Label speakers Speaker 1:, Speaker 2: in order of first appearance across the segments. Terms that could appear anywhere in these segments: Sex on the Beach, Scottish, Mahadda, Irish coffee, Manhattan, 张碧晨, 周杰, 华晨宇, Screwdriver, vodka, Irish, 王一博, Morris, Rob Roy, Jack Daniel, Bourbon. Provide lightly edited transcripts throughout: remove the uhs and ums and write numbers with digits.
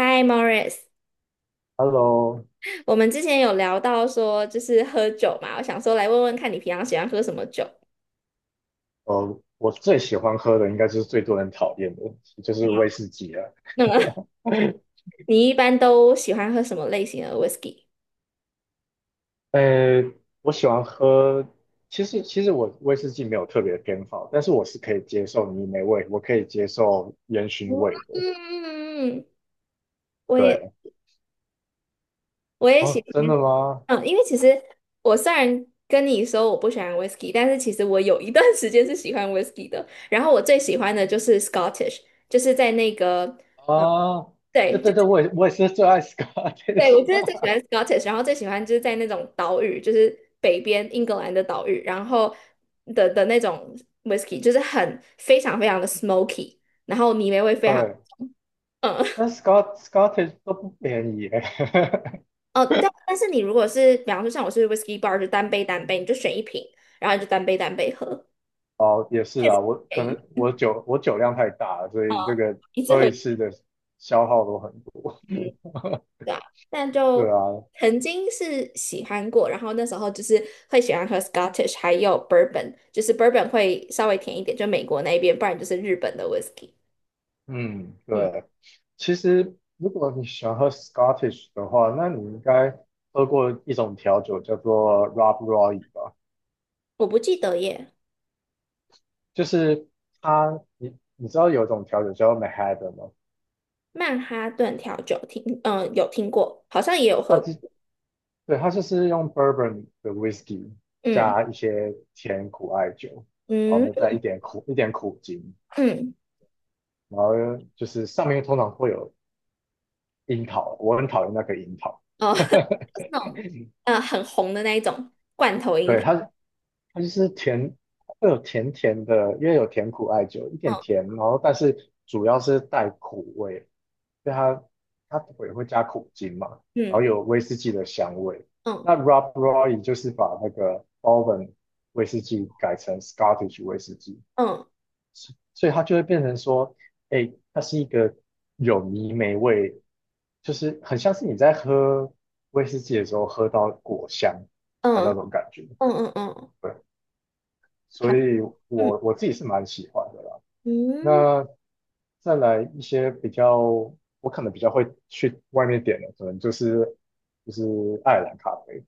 Speaker 1: Hi Morris，
Speaker 2: Hello，
Speaker 1: 我们之前有聊到说就是喝酒嘛，我想说来问问看你平常喜欢喝什么酒。
Speaker 2: 我最喜欢喝的应该就是最多人讨厌的，就是威士忌了。
Speaker 1: 那么 你一般都喜欢喝什么类型的 whisky？
Speaker 2: 呃，我喜欢喝，其实我威士忌没有特别偏好，但是我是可以接受泥煤味，我可以接受烟熏味的。
Speaker 1: 嗯，我也
Speaker 2: 对。
Speaker 1: 我也喜
Speaker 2: 哦，真
Speaker 1: 欢。
Speaker 2: 的吗？
Speaker 1: 嗯，因为其实我虽然跟你说我不喜欢 whisky，但是其实我有一段时间是喜欢 whisky 的。然后我最喜欢的就是 Scottish，就是在那个
Speaker 2: 啊，对
Speaker 1: 对，就。
Speaker 2: 对对，我也是最爱
Speaker 1: 对，我
Speaker 2: Scottish。
Speaker 1: 就是最喜欢 Scottish，然后最喜欢就是在那种岛屿，就是北边英格兰的岛屿，然后的那种 whisky，就是很非常非常的 smoky，然后泥煤味 非常。
Speaker 2: 对，
Speaker 1: 嗯，
Speaker 2: 但 Scottish 都不便宜耶。
Speaker 1: 哦，对，但是你如果是，比方说像我是 whisky bar，就单杯单杯，你就选一瓶，然后你就单杯单杯喝，
Speaker 2: 哦，也是
Speaker 1: 确实
Speaker 2: 啊，我
Speaker 1: 便
Speaker 2: 可能
Speaker 1: 宜
Speaker 2: 我酒量太大了，所
Speaker 1: 啊，
Speaker 2: 以这个
Speaker 1: 一直
Speaker 2: 喝
Speaker 1: 喝。
Speaker 2: 一次的消耗都很多。
Speaker 1: 嗯，对啊，但
Speaker 2: 对啊。
Speaker 1: 就曾经是喜欢过，然后那时候就是会喜欢喝 Scottish，还有 Bourbon，就是 Bourbon 会稍微甜一点，就美国那边，不然就是日本的 Whisky。
Speaker 2: 嗯，
Speaker 1: 嗯，
Speaker 2: 对。其实如果你喜欢喝 Scottish 的话，那你应该喝过一种调酒叫做 Rob Roy 吧？
Speaker 1: 我不记得耶。
Speaker 2: 就是它，你知道有一种调酒叫做 Mahadda 吗？
Speaker 1: 曼哈顿调酒听，嗯、有听过，好像也有
Speaker 2: 它
Speaker 1: 喝过。
Speaker 2: 就对，它就是用 Bourbon 的 Whisky
Speaker 1: 嗯
Speaker 2: 加一些甜苦艾酒，然后
Speaker 1: 嗯
Speaker 2: 呢再一点苦精。
Speaker 1: 嗯。
Speaker 2: 然后就是上面通常会有樱桃，我很讨厌那个樱桃。
Speaker 1: 哦，就是 那种很红的那一种罐头樱
Speaker 2: 对，
Speaker 1: 桃。
Speaker 2: 它就是甜，会有甜甜的，因为有甜苦艾酒，一点
Speaker 1: 哦
Speaker 2: 甜，然后但是主要是带苦味，对，它也会加苦精嘛，然后
Speaker 1: 嗯
Speaker 2: 有威士忌的香味。
Speaker 1: 嗯
Speaker 2: 那 Rob Roy 就是把那个 Bourbon 威士忌改成 Scottish 威士忌，
Speaker 1: 嗯
Speaker 2: 所以它就会变成说，哎，它是一个有泥煤味，就是很像是你在喝威士忌的时候喝到果香的
Speaker 1: 嗯
Speaker 2: 那种感觉。
Speaker 1: 嗯嗯嗯，嗯
Speaker 2: 对，
Speaker 1: 好，
Speaker 2: 所以
Speaker 1: 嗯
Speaker 2: 我自己是蛮喜欢的啦。
Speaker 1: 嗯
Speaker 2: 那再来一些比较，我可能比较会去外面点的，可能就是爱尔兰咖啡，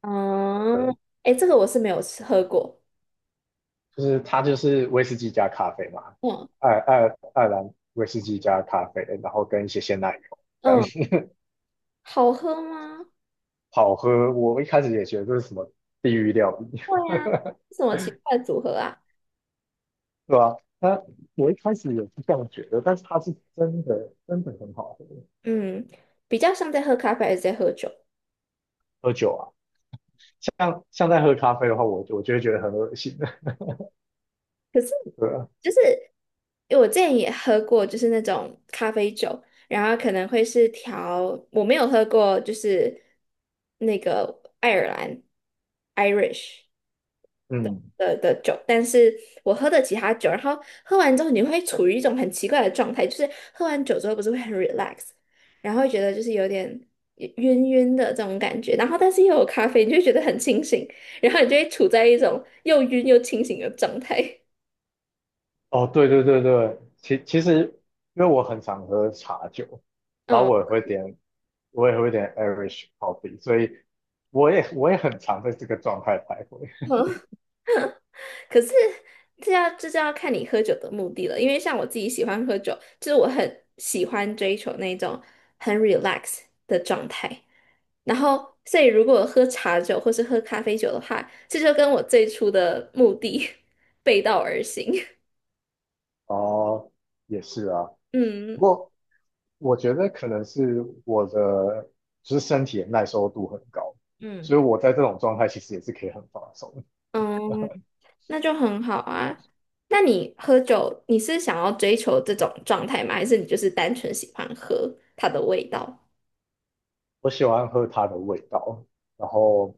Speaker 1: 嗯。
Speaker 2: 对，
Speaker 1: 哎、诶这个我是没有吃喝过。
Speaker 2: 就是它就是威士忌加咖啡嘛，
Speaker 1: 嗯
Speaker 2: 爱爱爱尔兰威士忌加咖啡，然后跟一些鲜奶油这样。
Speaker 1: 嗯。好喝吗？
Speaker 2: 好喝。我一开始也觉得这是什么地狱料理。
Speaker 1: 会啊，什么奇怪的组合啊？
Speaker 2: 对吧？我一开始也是这样觉得，但是他是真的真的很好喝，
Speaker 1: 嗯，比较像在喝咖啡还是在喝酒？
Speaker 2: 喝酒啊，像在喝咖啡的话，我就会觉得很恶心的。
Speaker 1: 可是
Speaker 2: 对啊。
Speaker 1: 就是因为我之前也喝过，就是那种咖啡酒，然后可能会是调，我没有喝过，就是那个爱尔兰 Irish。
Speaker 2: 嗯。
Speaker 1: 的酒，但是我喝的其他酒，然后喝完之后你会处于一种很奇怪的状态，就是喝完酒之后不是会很 relax，然后会觉得就是有点晕晕的这种感觉，然后但是又有咖啡，你就会觉得很清醒，然后你就会处在一种又晕又清醒的状态。
Speaker 2: 哦，对对对对，其实因为我很常喝茶酒，然后
Speaker 1: 嗯，
Speaker 2: 我也会点 Irish coffee，所以我也很常在这个状态徘徊。
Speaker 1: 可是这就要看你喝酒的目的了，因为像我自己喜欢喝酒，就是我很喜欢追求那种很 relax 的状态。然后，所以如果喝茶酒或是喝咖啡酒的话，这就跟我最初的目的 背道而行。
Speaker 2: 哦，也是啊，不
Speaker 1: 嗯
Speaker 2: 过。我觉得可能是我的就是身体的耐受度很高，
Speaker 1: 嗯，
Speaker 2: 所以我在这种状态其实也是可以很放松。
Speaker 1: 嗯，那就很好啊。那你喝酒，你是想要追求这种状态吗？还是你就是单纯喜欢喝它的味道？
Speaker 2: 我喜欢喝它的味道，然后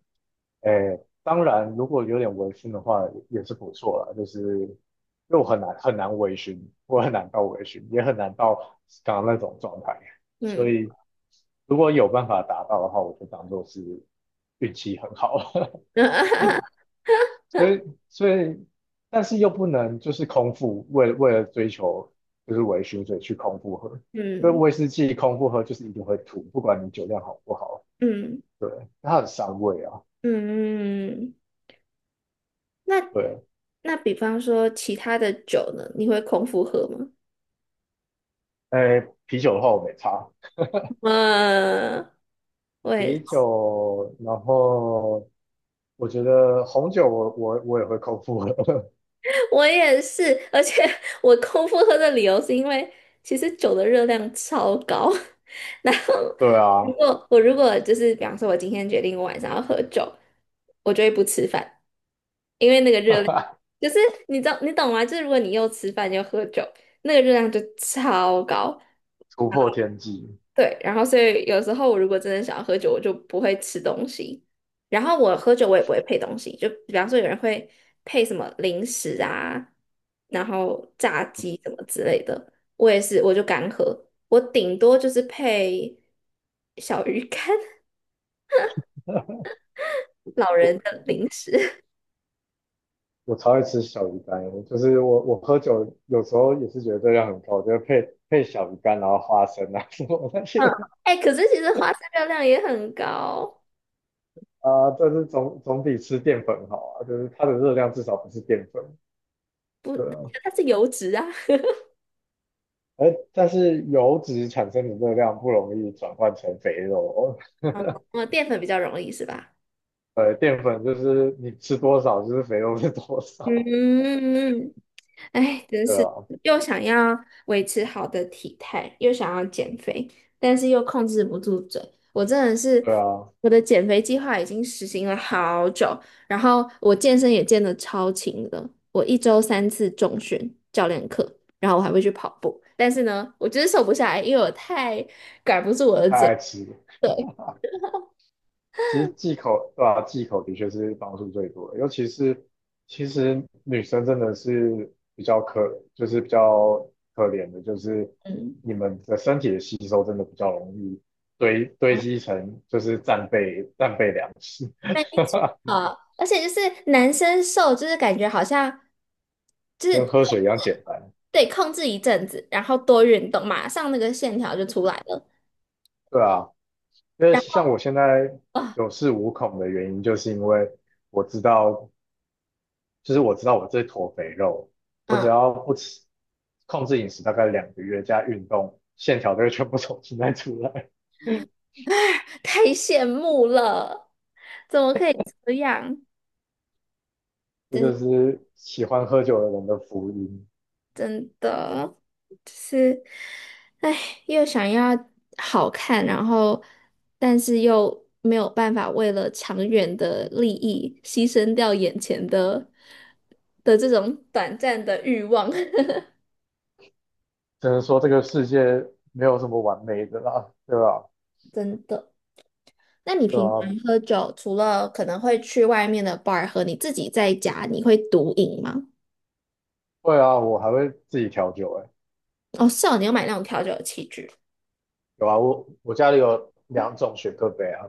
Speaker 2: 诶，当然如果有点微醺的话也是不错啦，就是因为我很难很难微醺，我很难到微醺，也很难到刚刚那种状态，所
Speaker 1: 嗯
Speaker 2: 以如果有办法达到的话，我就当做是运气很好。所以所以，但是又不能就是空腹，为了追求就是微醺，所以去空腹喝，因为
Speaker 1: 嗯
Speaker 2: 威士忌空腹喝就是一定会吐，不管你酒量好不好，
Speaker 1: 嗯
Speaker 2: 对，它很伤胃啊。
Speaker 1: 嗯。那
Speaker 2: 对。
Speaker 1: 那比方说其他的酒呢，你会空腹喝吗？
Speaker 2: 哎，啤酒的话我没差，
Speaker 1: 嗯，我也
Speaker 2: 啤酒，然后我觉得红酒我也会空腹喝。
Speaker 1: 我也是。而且 我空腹喝的理由是因为其实酒的热量超高。然后
Speaker 2: 对
Speaker 1: 如
Speaker 2: 啊。
Speaker 1: 果我如果就是比方说我今天决定我晚上要喝酒，我就会不吃饭，因为那个热量 就是你知道你懂吗？就是如果你又吃饭又喝酒，那个热量就超高。
Speaker 2: 突破天际。
Speaker 1: 对，然后所以有时候我如果真的想要喝酒，我就不会吃东西。然后我喝酒我也不会配东西，就比方说有人会配什么零食啊，然后炸鸡什么之类的，我也是我就干喝，我顶多就是配小鱼干、老
Speaker 2: 我。
Speaker 1: 人的零食。
Speaker 2: 我超爱吃小鱼干，就是我喝酒有时候也是觉得热量很高，就是配小鱼干，然后花生啊什么那些
Speaker 1: 嗯，哎、可是其实花生热量也很高。
Speaker 2: 啊，但是总比吃淀粉好啊，就是它的热量至少不是淀粉，
Speaker 1: 不，
Speaker 2: 对啊，
Speaker 1: 它是油脂啊。
Speaker 2: 但是油脂产生的热量不容易转换成肥肉哦，
Speaker 1: 嗯，淀粉比较容易是吧？
Speaker 2: 淀粉就是你吃多少就是肥肉是多少，
Speaker 1: 嗯，哎，真
Speaker 2: 对
Speaker 1: 是
Speaker 2: 啊，
Speaker 1: 又想要维持好的体态，又想要减肥，但是又控制不住嘴。我真的是，
Speaker 2: 对啊，
Speaker 1: 我的减肥计划已经实行了好久，然后我健身也健得超勤的。我一周三次重训教练课，然后我还会去跑步。但是呢，我就是瘦不下来，因为我太管不住我的
Speaker 2: 太
Speaker 1: 嘴。
Speaker 2: 爱吃了。
Speaker 1: 对，
Speaker 2: 其实忌口，对吧？忌口的确是帮助最多的，尤其是其实女生真的是比较可，就是比较可怜的，就是
Speaker 1: 嗯。
Speaker 2: 你们的身体的吸收真的比较容易堆积成就是战备粮食。
Speaker 1: 没 错，而且就是男生瘦，就是感觉好像就
Speaker 2: 跟
Speaker 1: 是。
Speaker 2: 喝水一样简单。
Speaker 1: 对，控制一阵子，然后多运动，马上那个线条就出来了。
Speaker 2: 对啊。因为
Speaker 1: 然
Speaker 2: 像我现在
Speaker 1: 后啊，
Speaker 2: 有恃无恐的原因，就是因为我知道，就是我知道我这坨肥肉，我只
Speaker 1: 嗯，
Speaker 2: 要不吃，控制饮食大概两个月加运动，线条都会全部重新再出来。
Speaker 1: 太羡慕了，怎么可以这样？
Speaker 2: 这
Speaker 1: 真
Speaker 2: 就是喜欢喝酒的人的福音。
Speaker 1: 真的，就是，哎，又想要好看，然后但是又没有办法为了长远的利益牺牲掉眼前的这种短暂的欲望。
Speaker 2: 只能说这个世界没有什么完美的啦，对吧？
Speaker 1: 真的。那你
Speaker 2: 对
Speaker 1: 平常
Speaker 2: 啊，
Speaker 1: 喝酒，除了可能会去外面的 bar 喝，你自己在家你会独饮吗？
Speaker 2: 会啊，我还会自己调酒哎、欸
Speaker 1: 哦，是哦，你要买那种调酒的器具。
Speaker 2: 有啊，我家里有2种雪克杯啊，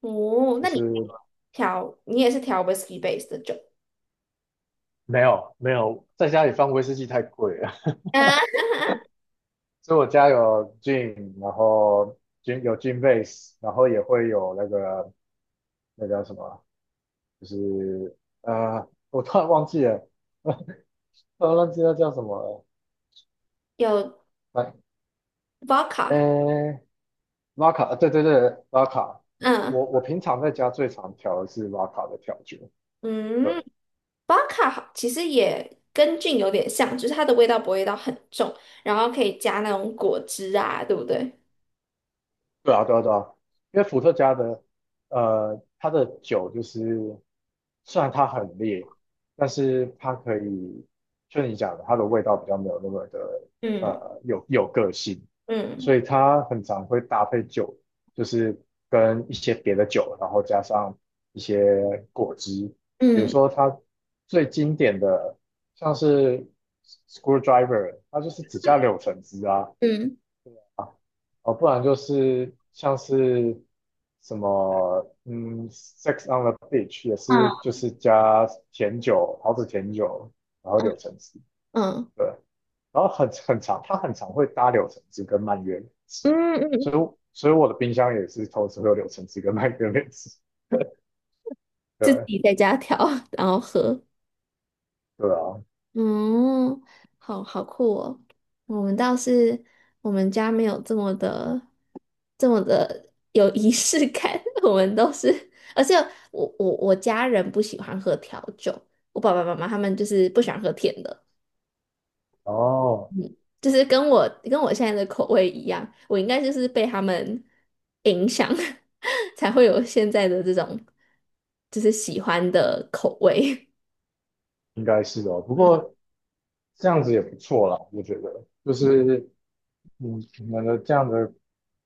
Speaker 1: 哦，
Speaker 2: 就
Speaker 1: 那你
Speaker 2: 是
Speaker 1: 调，你也是调 whisky base 的酒，
Speaker 2: 没有，没有，在家里放威士忌太贵了。
Speaker 1: 啊？
Speaker 2: 所以我家有 gin，然后 gin 有 gin base，然后也会有那个那叫什么啊就是啊我突然忘记了。突然忘记那叫什么了。
Speaker 1: 有
Speaker 2: 来，
Speaker 1: vodka。
Speaker 2: 呃，拉卡，对对对，拉卡。我
Speaker 1: 嗯，
Speaker 2: 我平常在家最常调的是拉卡的调酒。对，
Speaker 1: 嗯，vodka 好其实也跟 gin 有点像，就是它的味道不会到很重，然后可以加那种果汁啊，对不对？
Speaker 2: 对啊，对啊，对啊，因为伏特加的，它的酒就是，虽然它很烈，但是它可以，就你讲的，它的味道比较没有那么的，
Speaker 1: 嗯
Speaker 2: 有个性，
Speaker 1: 嗯
Speaker 2: 所以它很常会搭配酒，就是跟一些别的酒，然后加上一些果汁，比如
Speaker 1: 嗯
Speaker 2: 说它最经典的像是 Screwdriver，它就是只加柳橙汁啊，
Speaker 1: 嗯
Speaker 2: 哦，不然就是像是什么，Sex on the Beach 也是
Speaker 1: 嗯
Speaker 2: 就是加甜酒，桃子甜酒，然后
Speaker 1: 嗯
Speaker 2: 柳橙汁，
Speaker 1: 嗯
Speaker 2: 对，然后很长，它很常会搭柳橙汁跟蔓越莓汁，
Speaker 1: 嗯，
Speaker 2: 所
Speaker 1: 嗯
Speaker 2: 以所以我的冰箱也是同时会有柳橙汁跟蔓越莓汁。
Speaker 1: 自
Speaker 2: 对。
Speaker 1: 己在家调，然后喝。
Speaker 2: 对啊。
Speaker 1: 嗯，好好酷哦。我们倒是我们家没有这么的这么的有仪式感，我们都是。而且我家人不喜欢喝调酒，我爸爸妈妈他们就是不喜欢喝甜的，
Speaker 2: 哦，
Speaker 1: 就是跟我现在的口味一样，我应该就是被他们影响，才会有现在的这种就是喜欢的口味。
Speaker 2: 应该是哦，不过这样子也不错啦，我觉得就是。嗯，你们的这样的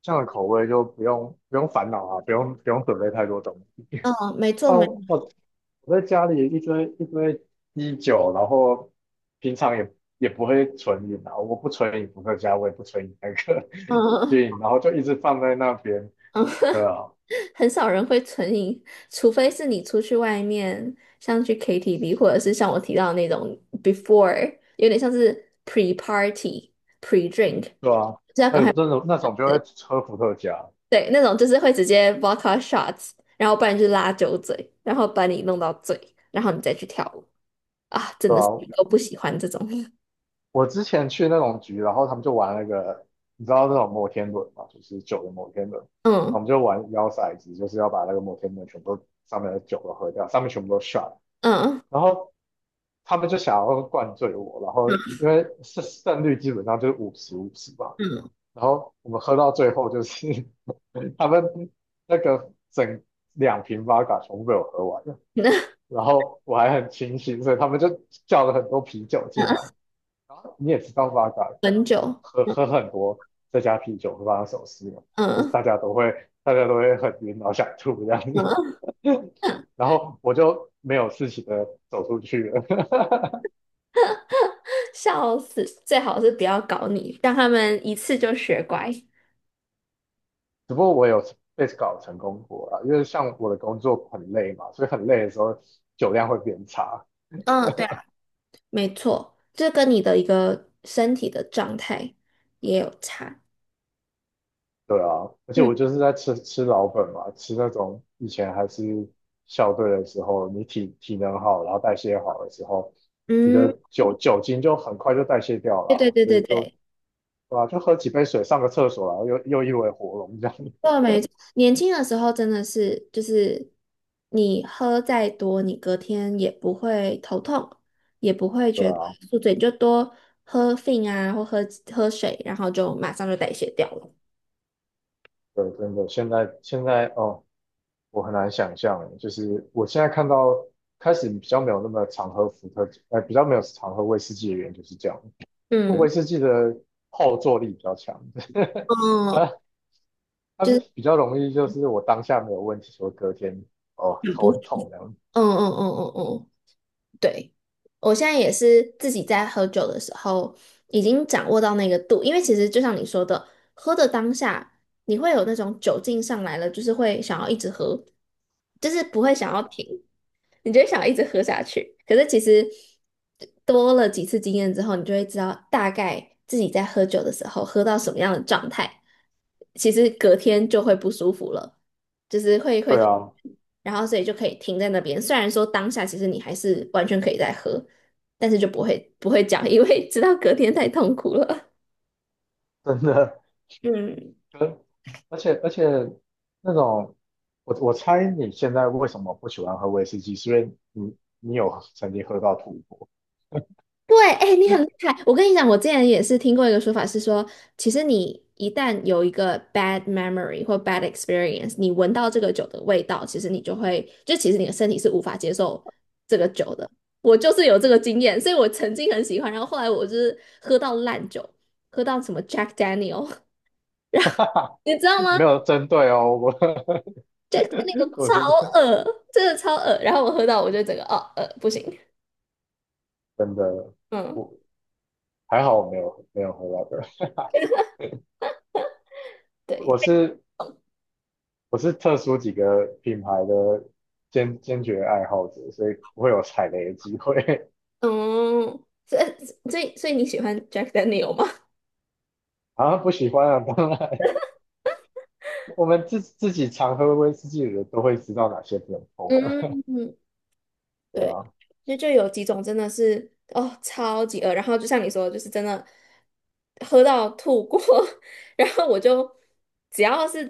Speaker 2: 这样的口味就不用烦恼啊，不用准备太多东西。
Speaker 1: 嗯，没错
Speaker 2: 那
Speaker 1: 没。
Speaker 2: 我在家里一堆一堆啤酒，然后平常也不会存饮啊，我不存饮伏特加，我也不存饮那个
Speaker 1: 嗯
Speaker 2: 进，然后就一直放在那边。对
Speaker 1: 嗯。
Speaker 2: 啊，
Speaker 1: 很少人会存银，除非是你出去外面，像去 KTV，或者是像我提到的那种 before，有点像是 pre party、pre drink，
Speaker 2: 对啊，
Speaker 1: 就是要
Speaker 2: 那
Speaker 1: 赶快
Speaker 2: 种那种那种就会
Speaker 1: 对
Speaker 2: 喝伏特加。
Speaker 1: 对那种就是会直接 vodka shots，然后不然就是拉酒嘴，然后把你弄到醉，然后你再去跳舞啊。真
Speaker 2: 对
Speaker 1: 的是
Speaker 2: 啊，
Speaker 1: 都不喜欢这种。
Speaker 2: 我之前去那种局，然后他们就玩那个，你知道那种摩天轮嘛，就是酒的摩天轮，我
Speaker 1: 嗯
Speaker 2: 们就玩摇骰子，就是要把那个摩天轮全部都上面的酒都喝掉，上面全部都 shot，
Speaker 1: 嗯
Speaker 2: 然后他们就想要灌醉我，然后
Speaker 1: 嗯
Speaker 2: 因为胜率基本上就是50-50吧，
Speaker 1: 嗯，
Speaker 2: 然后我们喝到最后就是 他们那个整2瓶 VODA 全部被我喝完了，
Speaker 1: 那
Speaker 2: 然后我还很清醒，所以他们就叫了很多啤酒进来。
Speaker 1: 嗯
Speaker 2: 然后你也知道 v 嘎，
Speaker 1: 很久，
Speaker 2: 喝
Speaker 1: 嗯
Speaker 2: 喝很多再加啤酒会发生什么事呢？就是
Speaker 1: 嗯。
Speaker 2: 大家都会很晕，然后想吐这样子。
Speaker 1: 嗯
Speaker 2: 然后我就没有事情的走出去了。
Speaker 1: 笑死，最好是不要搞你，让他们一次就学乖。
Speaker 2: 只不过我有被搞成功过啊，因为像我的工作很累嘛，所以很累的时候酒量会变差。
Speaker 1: 嗯，对啊，没错，这跟你的一个身体的状态也有差。
Speaker 2: 对啊，而且
Speaker 1: 嗯
Speaker 2: 我就是在吃老本嘛，吃那种以前还是校队的时候，你体能好，然后代谢好的时候，你的
Speaker 1: 嗯，
Speaker 2: 酒精就很快就代谢掉了
Speaker 1: 对
Speaker 2: 啊
Speaker 1: 对对
Speaker 2: 所
Speaker 1: 对
Speaker 2: 以就
Speaker 1: 对，
Speaker 2: 对啊，就喝几杯水，上个厕所，然后又一尾活龙这样。
Speaker 1: 对啊，没错。年轻的时候真的是，就是你喝再多，你隔天也不会头痛，也不会
Speaker 2: 对
Speaker 1: 觉得
Speaker 2: 啊。
Speaker 1: 宿醉，你就多喝 f 啊，或喝水，然后就马上就代谢掉了。
Speaker 2: 对，真的，现在哦，我很难想象欸，就是我现在看到开始比较没有那么常喝比较没有常喝威士忌的原因就是这样，
Speaker 1: 嗯
Speaker 2: 威士忌的后坐力比较强。
Speaker 1: 嗯，
Speaker 2: 啊，它
Speaker 1: 就是
Speaker 2: 比较容易就是我当下没有问题，说隔天哦
Speaker 1: 很不，
Speaker 2: 头
Speaker 1: 嗯
Speaker 2: 很痛这样。
Speaker 1: 嗯嗯嗯嗯。对，我现在也是自己在喝酒的时候，已经掌握到那个度，因为其实就像你说的，喝的当下，你会有那种酒劲上来了，就是会想要一直喝，就是不会想
Speaker 2: 对
Speaker 1: 要
Speaker 2: 啊，
Speaker 1: 停。你就会想要一直喝下去。可是其实多了几次经验之后，你就会知道大概自己在喝酒的时候喝到什么样的状态，其实隔天就会不舒服了，就是会会。
Speaker 2: 对啊，
Speaker 1: 然后所以就可以停在那边。虽然说当下其实你还是完全可以再喝，但是就不会讲，因为知道隔天太痛苦了。
Speaker 2: 真的。
Speaker 1: 嗯。
Speaker 2: 跟而且那种，我猜你现在为什么不喜欢喝威士忌，是因为你有曾经喝到吐过。
Speaker 1: 对，哎，你很厉害。我跟你讲，我之前也是听过一个说法是说，其实你一旦有一个 bad memory 或 bad experience，你闻到这个酒的味道，其实你就会，就其实你的身体是无法接受这个酒的。我就是有这个经验，所以我曾经很喜欢，然后后来我就是喝到烂酒，喝到什么 Jack Daniel，你知道 吗
Speaker 2: 没有针对哦，
Speaker 1: ？Jack Daniel
Speaker 2: 我是
Speaker 1: 超恶，真的超恶。然后我喝到，我就整个哦，不行。
Speaker 2: 真的，
Speaker 1: 嗯，
Speaker 2: 我还好我没有喝到的，
Speaker 1: 对，
Speaker 2: 我是我是特殊几个品牌的坚决爱好者，所以不会有踩雷的机会。
Speaker 1: 嗯，所以你喜欢 Jack Daniel 吗？
Speaker 2: 啊，不喜欢啊，当然。我们自己常喝威士忌的人都会知道哪些不能碰啊，
Speaker 1: 嗯，
Speaker 2: 对
Speaker 1: 对，
Speaker 2: 啊。
Speaker 1: 因为就有几种真的是哦，超级饿，然后就像你说的，就是真的喝到吐过。然后我就只要是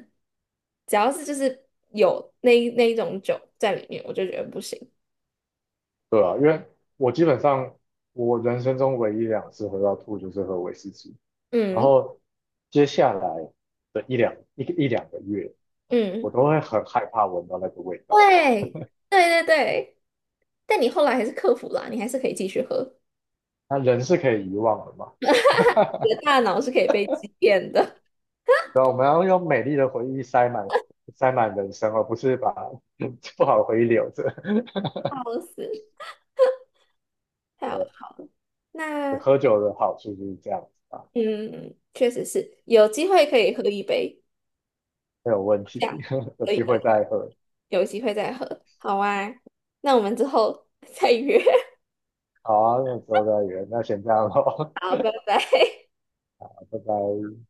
Speaker 1: 只要是就是有那一种酒在里面，我就觉得不行。
Speaker 2: 对啊，因为我基本上我人生中唯一2次喝到吐就是喝威士忌，然
Speaker 1: 嗯
Speaker 2: 后接下来的一两个月，我
Speaker 1: 嗯，
Speaker 2: 都会很害怕闻到那个味道。
Speaker 1: 对对对对，但你后来还是克服了啊，你还是可以继续喝。
Speaker 2: 那人是可以遗忘的嘛？
Speaker 1: 你的大脑是可以被欺骗的。
Speaker 2: 对啊，我们要用美丽的回忆塞满人生，而不是把 不好的回忆留着。
Speaker 1: 笑死，太好笑了。
Speaker 2: 对，
Speaker 1: 那
Speaker 2: 喝酒的好处就是这样子吧，
Speaker 1: 嗯，确实是，有机会可以喝一杯，
Speaker 2: 没有问题。
Speaker 1: 这样
Speaker 2: 有
Speaker 1: 可以
Speaker 2: 机
Speaker 1: 可
Speaker 2: 会
Speaker 1: 以
Speaker 2: 再喝。
Speaker 1: 有机会再喝。好啊，那我们之后 再约。
Speaker 2: 好啊，那之后再约，那先这样咯。
Speaker 1: 好，拜拜。
Speaker 2: 拜拜。